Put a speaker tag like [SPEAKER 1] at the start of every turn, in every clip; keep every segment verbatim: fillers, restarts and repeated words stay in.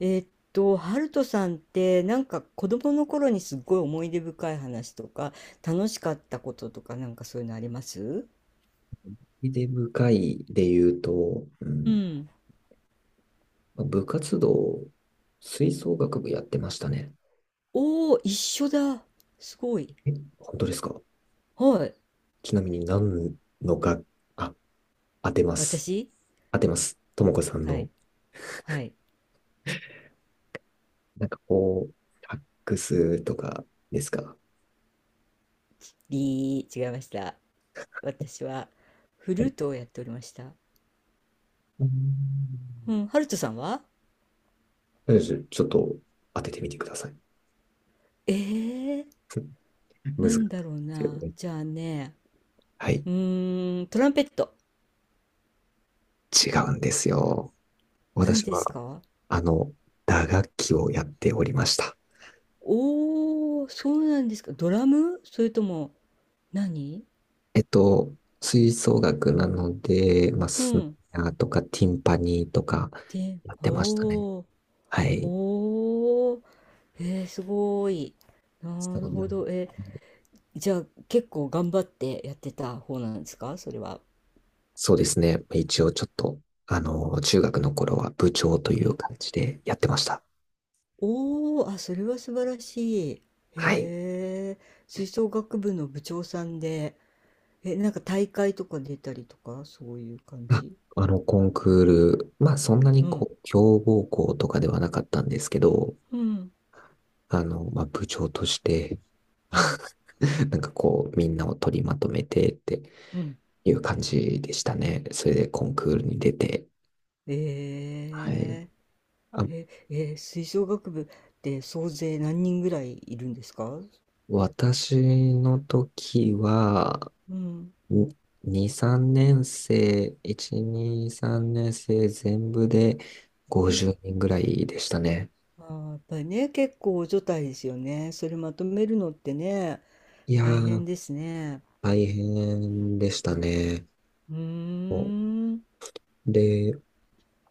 [SPEAKER 1] えっと、ハルトさんってなんか子供の頃にすっごい思い出深い話とか楽しかったこととかなんかそういうのあります？
[SPEAKER 2] 思い出深いで言うと、う
[SPEAKER 1] う
[SPEAKER 2] ん、
[SPEAKER 1] ん。
[SPEAKER 2] まあ部活動、吹奏楽部やってましたね。
[SPEAKER 1] おお一緒だ。すごい。
[SPEAKER 2] え、本当ですか？
[SPEAKER 1] はい。
[SPEAKER 2] ちなみに何のが、あ、当てます。
[SPEAKER 1] 私
[SPEAKER 2] 当てます。ともこさん
[SPEAKER 1] はい。
[SPEAKER 2] の、
[SPEAKER 1] はい。
[SPEAKER 2] なんかこう、サックスとかですか？
[SPEAKER 1] りー、違いました。私はフ
[SPEAKER 2] は
[SPEAKER 1] ル
[SPEAKER 2] い。
[SPEAKER 1] ートをやっておりました。
[SPEAKER 2] うん。
[SPEAKER 1] うん。ハルトさんは
[SPEAKER 2] とりあえずちょっと当ててみてください。
[SPEAKER 1] えー、
[SPEAKER 2] 難しいで
[SPEAKER 1] なんだろう
[SPEAKER 2] すよ
[SPEAKER 1] な。
[SPEAKER 2] ね。
[SPEAKER 1] じゃあね、
[SPEAKER 2] はい。
[SPEAKER 1] うーん、トランペット。
[SPEAKER 2] 違うんですよ。
[SPEAKER 1] 何
[SPEAKER 2] 私
[SPEAKER 1] です
[SPEAKER 2] は、
[SPEAKER 1] か？
[SPEAKER 2] あの、打楽器をやっておりました。
[SPEAKER 1] おお、そうなんですか。ドラム？それとも何？
[SPEAKER 2] えっと、吹奏楽なので、まあ、
[SPEAKER 1] う
[SPEAKER 2] スネ
[SPEAKER 1] ん。
[SPEAKER 2] アとかティンパニーとか
[SPEAKER 1] で、
[SPEAKER 2] やっ
[SPEAKER 1] お
[SPEAKER 2] てましたね。
[SPEAKER 1] お、
[SPEAKER 2] はい。
[SPEAKER 1] おお、えー、すごい。な
[SPEAKER 2] そ
[SPEAKER 1] る
[SPEAKER 2] うな
[SPEAKER 1] ほ
[SPEAKER 2] んで
[SPEAKER 1] ど。
[SPEAKER 2] す。
[SPEAKER 1] えー、じゃあ結構頑張ってやってた方なんですか？それは。
[SPEAKER 2] そうですね。一応ちょっと、あの、中学の頃は部長と
[SPEAKER 1] う
[SPEAKER 2] いう
[SPEAKER 1] ん。
[SPEAKER 2] 感じでやってました。
[SPEAKER 1] おお、あ、それは素晴らしい。へ
[SPEAKER 2] はい。
[SPEAKER 1] え、吹奏楽部の部長さんで、え、なんか大会とか出たりとか、そういう感
[SPEAKER 2] あ、
[SPEAKER 1] じ？
[SPEAKER 2] あの、コンクール、まあ、そんな
[SPEAKER 1] う
[SPEAKER 2] に
[SPEAKER 1] ん、
[SPEAKER 2] こう、強豪校とかではなかったんですけど、
[SPEAKER 1] うん、
[SPEAKER 2] あの、まあ、部長として、
[SPEAKER 1] うん、
[SPEAKER 2] なんかこう、みんなを取りまとめてって
[SPEAKER 1] うん。
[SPEAKER 2] いう感じでしたね。それでコンクールに出て、
[SPEAKER 1] え
[SPEAKER 2] はい。
[SPEAKER 1] え
[SPEAKER 2] あ、
[SPEAKER 1] え、えー、吹奏楽部って総勢何人ぐらいいるんですか？
[SPEAKER 2] 私の時は、
[SPEAKER 1] うん、
[SPEAKER 2] ににさんに、さんねん生、いち、に、さんねん生全部で
[SPEAKER 1] う
[SPEAKER 2] 50
[SPEAKER 1] ん、
[SPEAKER 2] 人ぐらいでしたね。
[SPEAKER 1] あー、やっぱりね、結構除帯ですよね。それまとめるのってね、
[SPEAKER 2] いや
[SPEAKER 1] 大変
[SPEAKER 2] ー、
[SPEAKER 1] ですね。
[SPEAKER 2] 大変でしたね。
[SPEAKER 1] うー
[SPEAKER 2] もう、
[SPEAKER 1] ん。
[SPEAKER 2] で、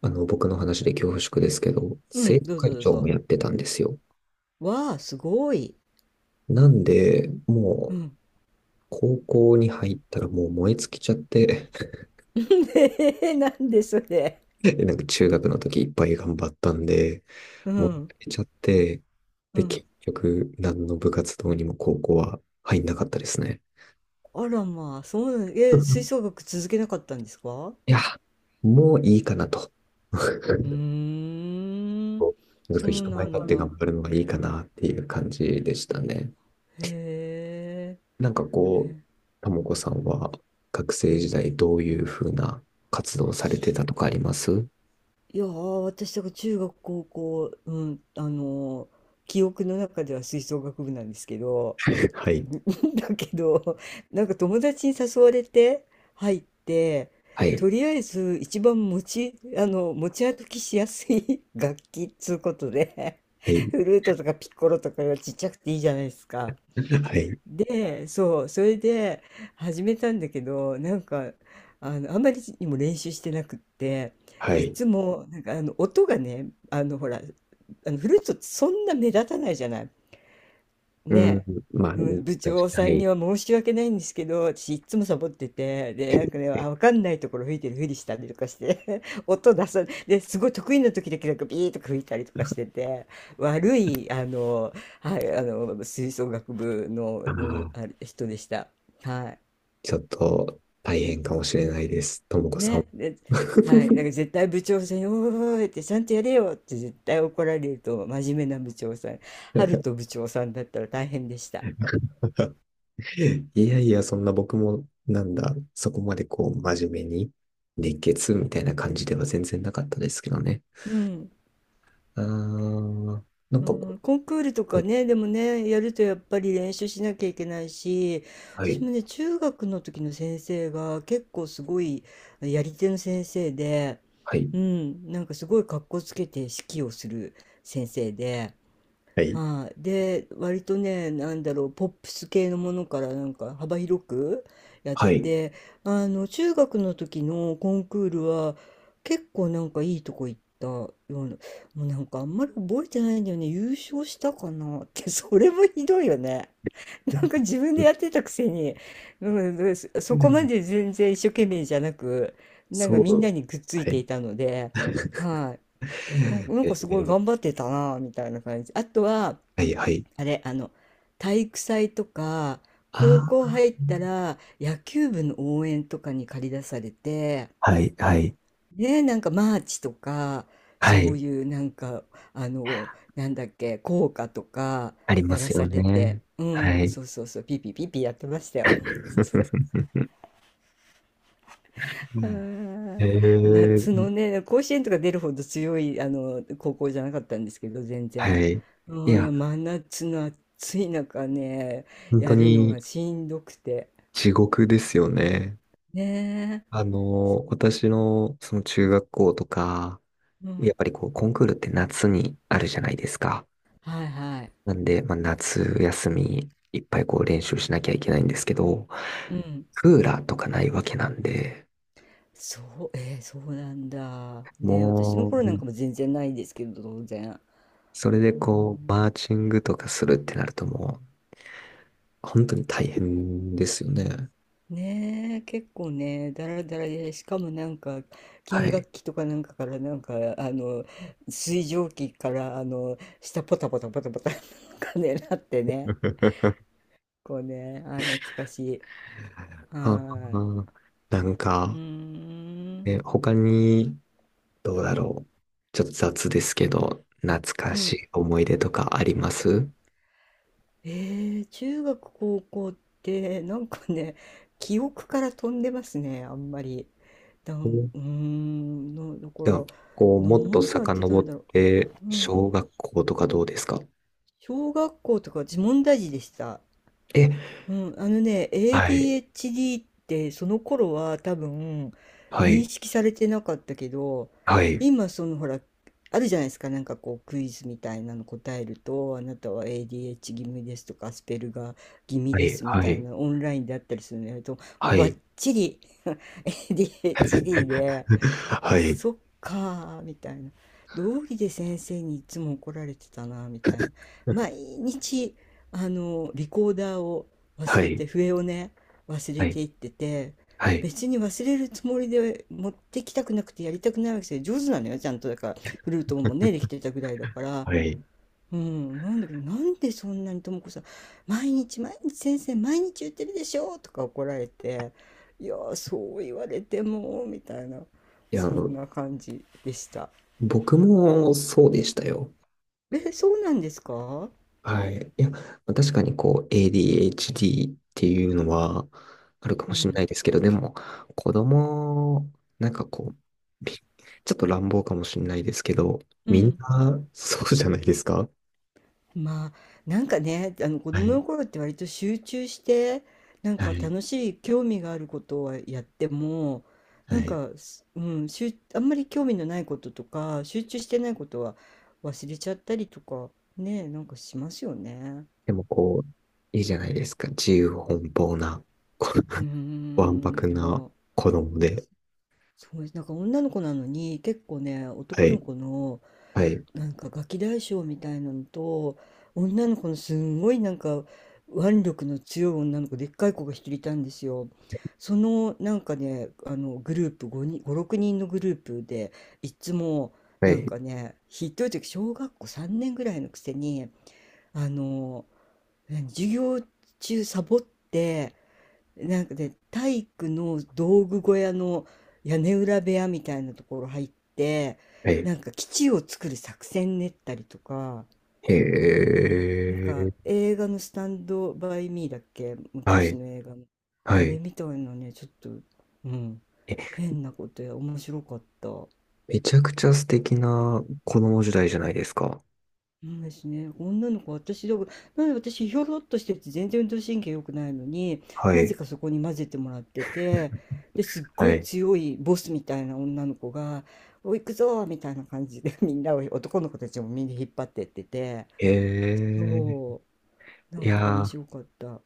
[SPEAKER 2] あの、僕の話で恐縮ですけど、
[SPEAKER 1] う
[SPEAKER 2] 生
[SPEAKER 1] ん、
[SPEAKER 2] 徒
[SPEAKER 1] どうぞ
[SPEAKER 2] 会
[SPEAKER 1] どう
[SPEAKER 2] 長も
[SPEAKER 1] ぞ。
[SPEAKER 2] やってたんですよ。
[SPEAKER 1] わあ、すごい。
[SPEAKER 2] なんで、も
[SPEAKER 1] う
[SPEAKER 2] う、
[SPEAKER 1] ん。
[SPEAKER 2] 高校に入ったらもう燃え尽きちゃって、
[SPEAKER 1] えーなんでそれ。
[SPEAKER 2] なんか中学の時いっぱい頑張ったんで、
[SPEAKER 1] う
[SPEAKER 2] 持っ
[SPEAKER 1] ん、
[SPEAKER 2] てれちゃって、
[SPEAKER 1] う
[SPEAKER 2] で、
[SPEAKER 1] ん。
[SPEAKER 2] 結局、何の部活動にも高校は入んなかったですね。
[SPEAKER 1] あらまあ、そうなん、え、吹奏 楽続けなかったんですか？
[SPEAKER 2] いや、もういいかなと。
[SPEAKER 1] う ーん、
[SPEAKER 2] こうそ
[SPEAKER 1] そ
[SPEAKER 2] う
[SPEAKER 1] う
[SPEAKER 2] 人前
[SPEAKER 1] な
[SPEAKER 2] 立っ
[SPEAKER 1] ん
[SPEAKER 2] て
[SPEAKER 1] だ。
[SPEAKER 2] 頑張るのはいいかなっていう感じでしたね。
[SPEAKER 1] へ
[SPEAKER 2] なんか
[SPEAKER 1] え。へ
[SPEAKER 2] こう、
[SPEAKER 1] え
[SPEAKER 2] ともこさんは学生時代どういうふうな活動をされてたとかあります？
[SPEAKER 1] いやー、私、だから中学、高校、うん、あのー記憶の中では吹奏楽部なんですけど、
[SPEAKER 2] はい。
[SPEAKER 1] だけど、なんか友達に誘われて入って、
[SPEAKER 2] はい。
[SPEAKER 1] とりあえず一番持ち、あの、持ち歩きしやすい 楽器っつうことで、
[SPEAKER 2] はい。
[SPEAKER 1] フルートとかピッコロとかがちっちゃくていいじゃないですか。
[SPEAKER 2] はい。
[SPEAKER 1] で、そう、それで始めたんだけど、なんか、あの、あんまりにも練習してなくって、
[SPEAKER 2] は
[SPEAKER 1] い
[SPEAKER 2] い。
[SPEAKER 1] つも、なんか、あの、音がね、あの、ほら、あの、フルートってそんな目立たないじゃない。
[SPEAKER 2] う
[SPEAKER 1] ね
[SPEAKER 2] ん。
[SPEAKER 1] え、うん
[SPEAKER 2] まあ、確
[SPEAKER 1] 部長
[SPEAKER 2] か
[SPEAKER 1] さん
[SPEAKER 2] に。
[SPEAKER 1] には申し訳ないんですけど、私いっつもサボってて、で、なん
[SPEAKER 2] は
[SPEAKER 1] かね、
[SPEAKER 2] い。
[SPEAKER 1] あ、わかんないところ吹いてるふりしたりとかして、音出さ、で、すごい得意な時だけなんかビーとか吹いたりとかしてて、悪い、あの、はい、あの、吹奏楽部の、
[SPEAKER 2] あ
[SPEAKER 1] の
[SPEAKER 2] あ、
[SPEAKER 1] あれ人でした。は
[SPEAKER 2] ちょっと大変かもしれないです。とも
[SPEAKER 1] い。
[SPEAKER 2] こさん。
[SPEAKER 1] ね、で、はい、なん か絶対部長さんに「おーい」って「ちゃんとやれよ」って絶対怒られると真面目な部長さん春と部長さんだったら大変でした。
[SPEAKER 2] いやいや、そんな僕も、なんだ、そこまでこう、真面目に、熱血みたいな感じでは全然なかったですけどね。
[SPEAKER 1] うん
[SPEAKER 2] あー、なん
[SPEAKER 1] う
[SPEAKER 2] かこ
[SPEAKER 1] ん、コンクールとか
[SPEAKER 2] う、
[SPEAKER 1] ね、でもね、やるとやっぱり練習しなきゃいけないし、
[SPEAKER 2] はい、は
[SPEAKER 1] 私
[SPEAKER 2] い、
[SPEAKER 1] もね、中学の時の先生が結構すごいやり手の先生で、
[SPEAKER 2] はい、
[SPEAKER 1] うん、なんかすごい格好つけて指揮をする先生で、はい、で割とねなんだろうポップス系のものからなんか幅広くやっ
[SPEAKER 2] はい。はい。
[SPEAKER 1] てあの中学の時のコンクールは結構なんかいいとこ行ったようなもうなんかあんまり覚えてないんだよね優勝したかなって それもひどいよね。 なんか自分でやってたくせに、うん、そ
[SPEAKER 2] う
[SPEAKER 1] そこま
[SPEAKER 2] ん。
[SPEAKER 1] で全然一生懸命じゃなくなんか
[SPEAKER 2] そ
[SPEAKER 1] みんな
[SPEAKER 2] う。
[SPEAKER 1] にくっつ
[SPEAKER 2] は
[SPEAKER 1] いて
[SPEAKER 2] い。
[SPEAKER 1] いたのではいなんかなん
[SPEAKER 2] え
[SPEAKER 1] かすごい
[SPEAKER 2] ー
[SPEAKER 1] 頑張ってたなみたいな感じあとは
[SPEAKER 2] はい、はい。
[SPEAKER 1] あれ、あの、体育祭とか、高
[SPEAKER 2] あ
[SPEAKER 1] 校
[SPEAKER 2] あ、
[SPEAKER 1] 入ったら野球部の応援とかに駆り出されて、
[SPEAKER 2] はい、はい、
[SPEAKER 1] ね、なんかマーチとか、
[SPEAKER 2] は
[SPEAKER 1] そう
[SPEAKER 2] い。
[SPEAKER 1] いうなんか、あの、なんだっけ、校歌とか
[SPEAKER 2] ありま
[SPEAKER 1] やら
[SPEAKER 2] すよ
[SPEAKER 1] されて、
[SPEAKER 2] ね。
[SPEAKER 1] う
[SPEAKER 2] は
[SPEAKER 1] ん、
[SPEAKER 2] い。
[SPEAKER 1] そうそうそう、ピーピーピーピーやってましたよ。あ
[SPEAKER 2] う
[SPEAKER 1] ー
[SPEAKER 2] え
[SPEAKER 1] 夏
[SPEAKER 2] ー
[SPEAKER 1] のね、甲子園とか出るほど強いあの高校じゃなかったんですけど、全
[SPEAKER 2] は
[SPEAKER 1] 然。
[SPEAKER 2] い。いや、
[SPEAKER 1] うん、真夏の暑い中ね、
[SPEAKER 2] 本当
[SPEAKER 1] やるのが
[SPEAKER 2] に
[SPEAKER 1] しんどくて。
[SPEAKER 2] 地獄ですよね。
[SPEAKER 1] ねえ。
[SPEAKER 2] あの、
[SPEAKER 1] うん。
[SPEAKER 2] 私のその中学校とか、
[SPEAKER 1] う
[SPEAKER 2] や
[SPEAKER 1] ん
[SPEAKER 2] っぱりこうコンクールって夏にあるじゃないですか？
[SPEAKER 1] はいはい。
[SPEAKER 2] なんで、まあ、夏休みいっぱいこう練習しなきゃいけないんですけど、
[SPEAKER 1] うん。
[SPEAKER 2] クーラーとかないわけなんで、
[SPEAKER 1] そう、えーそうなんだ。ねえ私の
[SPEAKER 2] も
[SPEAKER 1] 頃な
[SPEAKER 2] う、
[SPEAKER 1] んかも全然ないですけど、当然。
[SPEAKER 2] それで
[SPEAKER 1] う
[SPEAKER 2] こう、
[SPEAKER 1] ん
[SPEAKER 2] マーチングとかするってなるともう、本当に大変ですよね。
[SPEAKER 1] ねえ、結構ね、だらだらで、しかもなんか、
[SPEAKER 2] は
[SPEAKER 1] 金
[SPEAKER 2] い。
[SPEAKER 1] 楽器とかなんかから、なんか、あの、水蒸気から、あの、下ポタポタポタポタ、なんかね、なってね、こうね、あ、懐かしい。は
[SPEAKER 2] あ
[SPEAKER 1] ーい。
[SPEAKER 2] あ、なん
[SPEAKER 1] う
[SPEAKER 2] か、
[SPEAKER 1] ーん。
[SPEAKER 2] ね、他に、どうだろう。ちょっと雑ですけど、懐か
[SPEAKER 1] う
[SPEAKER 2] し
[SPEAKER 1] ん。
[SPEAKER 2] い思い出とかあります？
[SPEAKER 1] えー、中学、高校って、なんかね、記憶から飛んでますね、あんまり。だ
[SPEAKER 2] う
[SPEAKER 1] ん、
[SPEAKER 2] ん。
[SPEAKER 1] うーん、の、だか
[SPEAKER 2] では、
[SPEAKER 1] ら、
[SPEAKER 2] こう、もっと
[SPEAKER 1] 何やってた
[SPEAKER 2] 遡っ
[SPEAKER 1] んだろ
[SPEAKER 2] て、
[SPEAKER 1] う。う
[SPEAKER 2] 小
[SPEAKER 1] ん、
[SPEAKER 2] 学校とかどうですか？
[SPEAKER 1] 小学校とか自問大事でした。
[SPEAKER 2] え、
[SPEAKER 1] うん、あのね、
[SPEAKER 2] はい、
[SPEAKER 1] エーディーエイチディー ってその頃は多分
[SPEAKER 2] は
[SPEAKER 1] 認
[SPEAKER 2] い、
[SPEAKER 1] 識されてなかったけど、
[SPEAKER 2] はい、
[SPEAKER 1] 今そのほら、あるじゃないですか、なんかこうクイズみたいなの答えると、あなたは エーディーエイチ 気味ですとか、アスペルガー気味
[SPEAKER 2] は
[SPEAKER 1] で
[SPEAKER 2] い、
[SPEAKER 1] すみ
[SPEAKER 2] は
[SPEAKER 1] たい
[SPEAKER 2] い、
[SPEAKER 1] なオンラインであったりするのやると、
[SPEAKER 2] は
[SPEAKER 1] バッ
[SPEAKER 2] い、
[SPEAKER 1] チリ エーディーエイチディー で、
[SPEAKER 2] は
[SPEAKER 1] あ
[SPEAKER 2] い、
[SPEAKER 1] そっかーみたいな道義で先生にいつも怒られてたなみたいな毎日あのリコーダーを
[SPEAKER 2] は
[SPEAKER 1] 忘れ
[SPEAKER 2] い、
[SPEAKER 1] て笛をね忘
[SPEAKER 2] は
[SPEAKER 1] れ
[SPEAKER 2] い、
[SPEAKER 1] ていってて
[SPEAKER 2] はい。
[SPEAKER 1] 別に忘れるつもりで持ってきたくなくてやりたくないわけですよ上手なのよちゃんとだからフルートもねできてたぐらいだから
[SPEAKER 2] はい。
[SPEAKER 1] うん、なんだけど、なんでそんなにともこさん、毎日毎日先生、毎日言ってるでしょとか怒られて、いやー、そう言われても、みたいな、
[SPEAKER 2] いや、あ
[SPEAKER 1] そん
[SPEAKER 2] の
[SPEAKER 1] な感じでした。
[SPEAKER 2] 僕もそうでしたよ。
[SPEAKER 1] え、そうなんですか？
[SPEAKER 2] はい。いや、まあ確かにこう エーディーエイチディー っていうのはあるか
[SPEAKER 1] う
[SPEAKER 2] もしれ
[SPEAKER 1] ん。
[SPEAKER 2] ないですけど、でも子供、なんかこう、びちょっと乱暴かもしれないですけど、
[SPEAKER 1] う
[SPEAKER 2] みん
[SPEAKER 1] ん
[SPEAKER 2] なそうじゃないですか？
[SPEAKER 1] まあなんかねあの子
[SPEAKER 2] は
[SPEAKER 1] 供
[SPEAKER 2] い。
[SPEAKER 1] の頃って割と集中してなん
[SPEAKER 2] は
[SPEAKER 1] か
[SPEAKER 2] い。
[SPEAKER 1] 楽しい興味があることをやってもな
[SPEAKER 2] は
[SPEAKER 1] ん
[SPEAKER 2] い。
[SPEAKER 1] か、すうん、しゅあんまり興味のないこととか集中してないことは忘れちゃったりとかねなんかしますよね。
[SPEAKER 2] でもこう、いいじゃないですか。自由奔放な、こ
[SPEAKER 1] うー
[SPEAKER 2] うわんぱ
[SPEAKER 1] ん
[SPEAKER 2] く
[SPEAKER 1] い
[SPEAKER 2] な
[SPEAKER 1] や
[SPEAKER 2] 子供で。
[SPEAKER 1] そうですなんか女の子なのに結構ね
[SPEAKER 2] は
[SPEAKER 1] 男の
[SPEAKER 2] い。
[SPEAKER 1] 子の
[SPEAKER 2] はい。
[SPEAKER 1] なんかガキ大将みたいなのと女の子のすんごいなんか腕力の強い女の子でっかい子がひとりいたんですよ。そのなんかねあのグループごにん、ご、ろくにんのグループでいつも
[SPEAKER 2] は
[SPEAKER 1] なん
[SPEAKER 2] い。
[SPEAKER 1] かねひどい時小学校さんねんぐらいのくせにあの何授業中サボってなんかで体育の道具小屋の屋根裏部屋みたいなところ入って、
[SPEAKER 2] はい。
[SPEAKER 1] なんか基地を作る作戦練ったりとか、
[SPEAKER 2] へ
[SPEAKER 1] なんか
[SPEAKER 2] え。
[SPEAKER 1] 映画のスタンドバイミーだっけ、
[SPEAKER 2] は
[SPEAKER 1] 昔
[SPEAKER 2] い。
[SPEAKER 1] の映画の。
[SPEAKER 2] は
[SPEAKER 1] あ
[SPEAKER 2] い。
[SPEAKER 1] れ
[SPEAKER 2] え、
[SPEAKER 1] みたいなね、ちょっと、うん、変なことや、面白かった。
[SPEAKER 2] めちゃくちゃ素敵な子供時代じゃないですか。
[SPEAKER 1] うんですね。女の子、私だから、なんで私、ひょろっとしてて、全然運動神経良くないのに、
[SPEAKER 2] は
[SPEAKER 1] なぜ
[SPEAKER 2] い。
[SPEAKER 1] かそこに混ぜてもらってて、ですっご
[SPEAKER 2] は
[SPEAKER 1] い
[SPEAKER 2] い。
[SPEAKER 1] 強いボスみたいな女の子が、おい、行くぞーみたいな感じで、みんなを、男の子たちもみんな引っ張ってってて、
[SPEAKER 2] ええ。
[SPEAKER 1] そう、な
[SPEAKER 2] い
[SPEAKER 1] んか面
[SPEAKER 2] やー、
[SPEAKER 1] 白かった。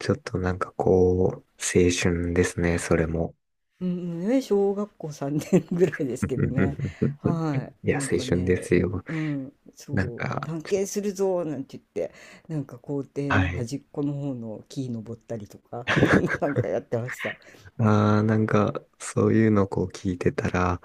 [SPEAKER 2] ちょっとなんかこう、青春ですね、それも。
[SPEAKER 1] うんうんね、小学校さんねんぐらいですけどね。は
[SPEAKER 2] い
[SPEAKER 1] い。な
[SPEAKER 2] や、
[SPEAKER 1] ん
[SPEAKER 2] 青
[SPEAKER 1] か
[SPEAKER 2] 春で
[SPEAKER 1] ね、
[SPEAKER 2] すよ。
[SPEAKER 1] うん、
[SPEAKER 2] なん
[SPEAKER 1] そう、
[SPEAKER 2] か、
[SPEAKER 1] 探検するぞなんて言って、なんか校庭
[SPEAKER 2] は
[SPEAKER 1] の
[SPEAKER 2] い。
[SPEAKER 1] 端っこの方の木登ったりとか、な んかやってました。
[SPEAKER 2] ああ、なんか、そういうのこう聞いてたら、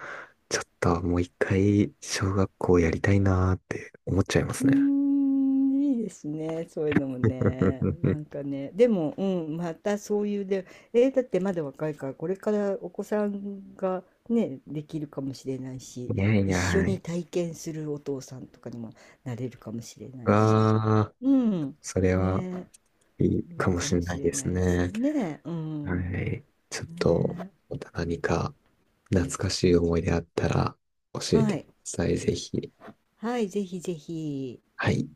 [SPEAKER 2] ちょっともう一回、小学校やりたいなーって思っちゃいま
[SPEAKER 1] う
[SPEAKER 2] す
[SPEAKER 1] ー
[SPEAKER 2] ね。
[SPEAKER 1] ん、いいですね、そういうのもね。な んかね、でも、うん、またそういうで、えーだってまだ若いから、これからお子さんがね、できるかもしれないし、
[SPEAKER 2] いやい
[SPEAKER 1] 一
[SPEAKER 2] や、
[SPEAKER 1] 緒
[SPEAKER 2] は
[SPEAKER 1] に
[SPEAKER 2] い。
[SPEAKER 1] 体験するお父さんとかにもなれるかもしれないし、
[SPEAKER 2] わあ、
[SPEAKER 1] うん、
[SPEAKER 2] それは
[SPEAKER 1] ね、
[SPEAKER 2] いい
[SPEAKER 1] い
[SPEAKER 2] か
[SPEAKER 1] い
[SPEAKER 2] も
[SPEAKER 1] か
[SPEAKER 2] しれ
[SPEAKER 1] も
[SPEAKER 2] な
[SPEAKER 1] し
[SPEAKER 2] い
[SPEAKER 1] れ
[SPEAKER 2] です
[SPEAKER 1] ないです
[SPEAKER 2] ね。
[SPEAKER 1] ね、う
[SPEAKER 2] は
[SPEAKER 1] ん、
[SPEAKER 2] い。ちょっと、
[SPEAKER 1] ね、
[SPEAKER 2] また何か懐かしい思い出あったら教え
[SPEAKER 1] は
[SPEAKER 2] てくだ
[SPEAKER 1] い、
[SPEAKER 2] さい、ぜひ。
[SPEAKER 1] はい、ぜひぜひ。
[SPEAKER 2] はい。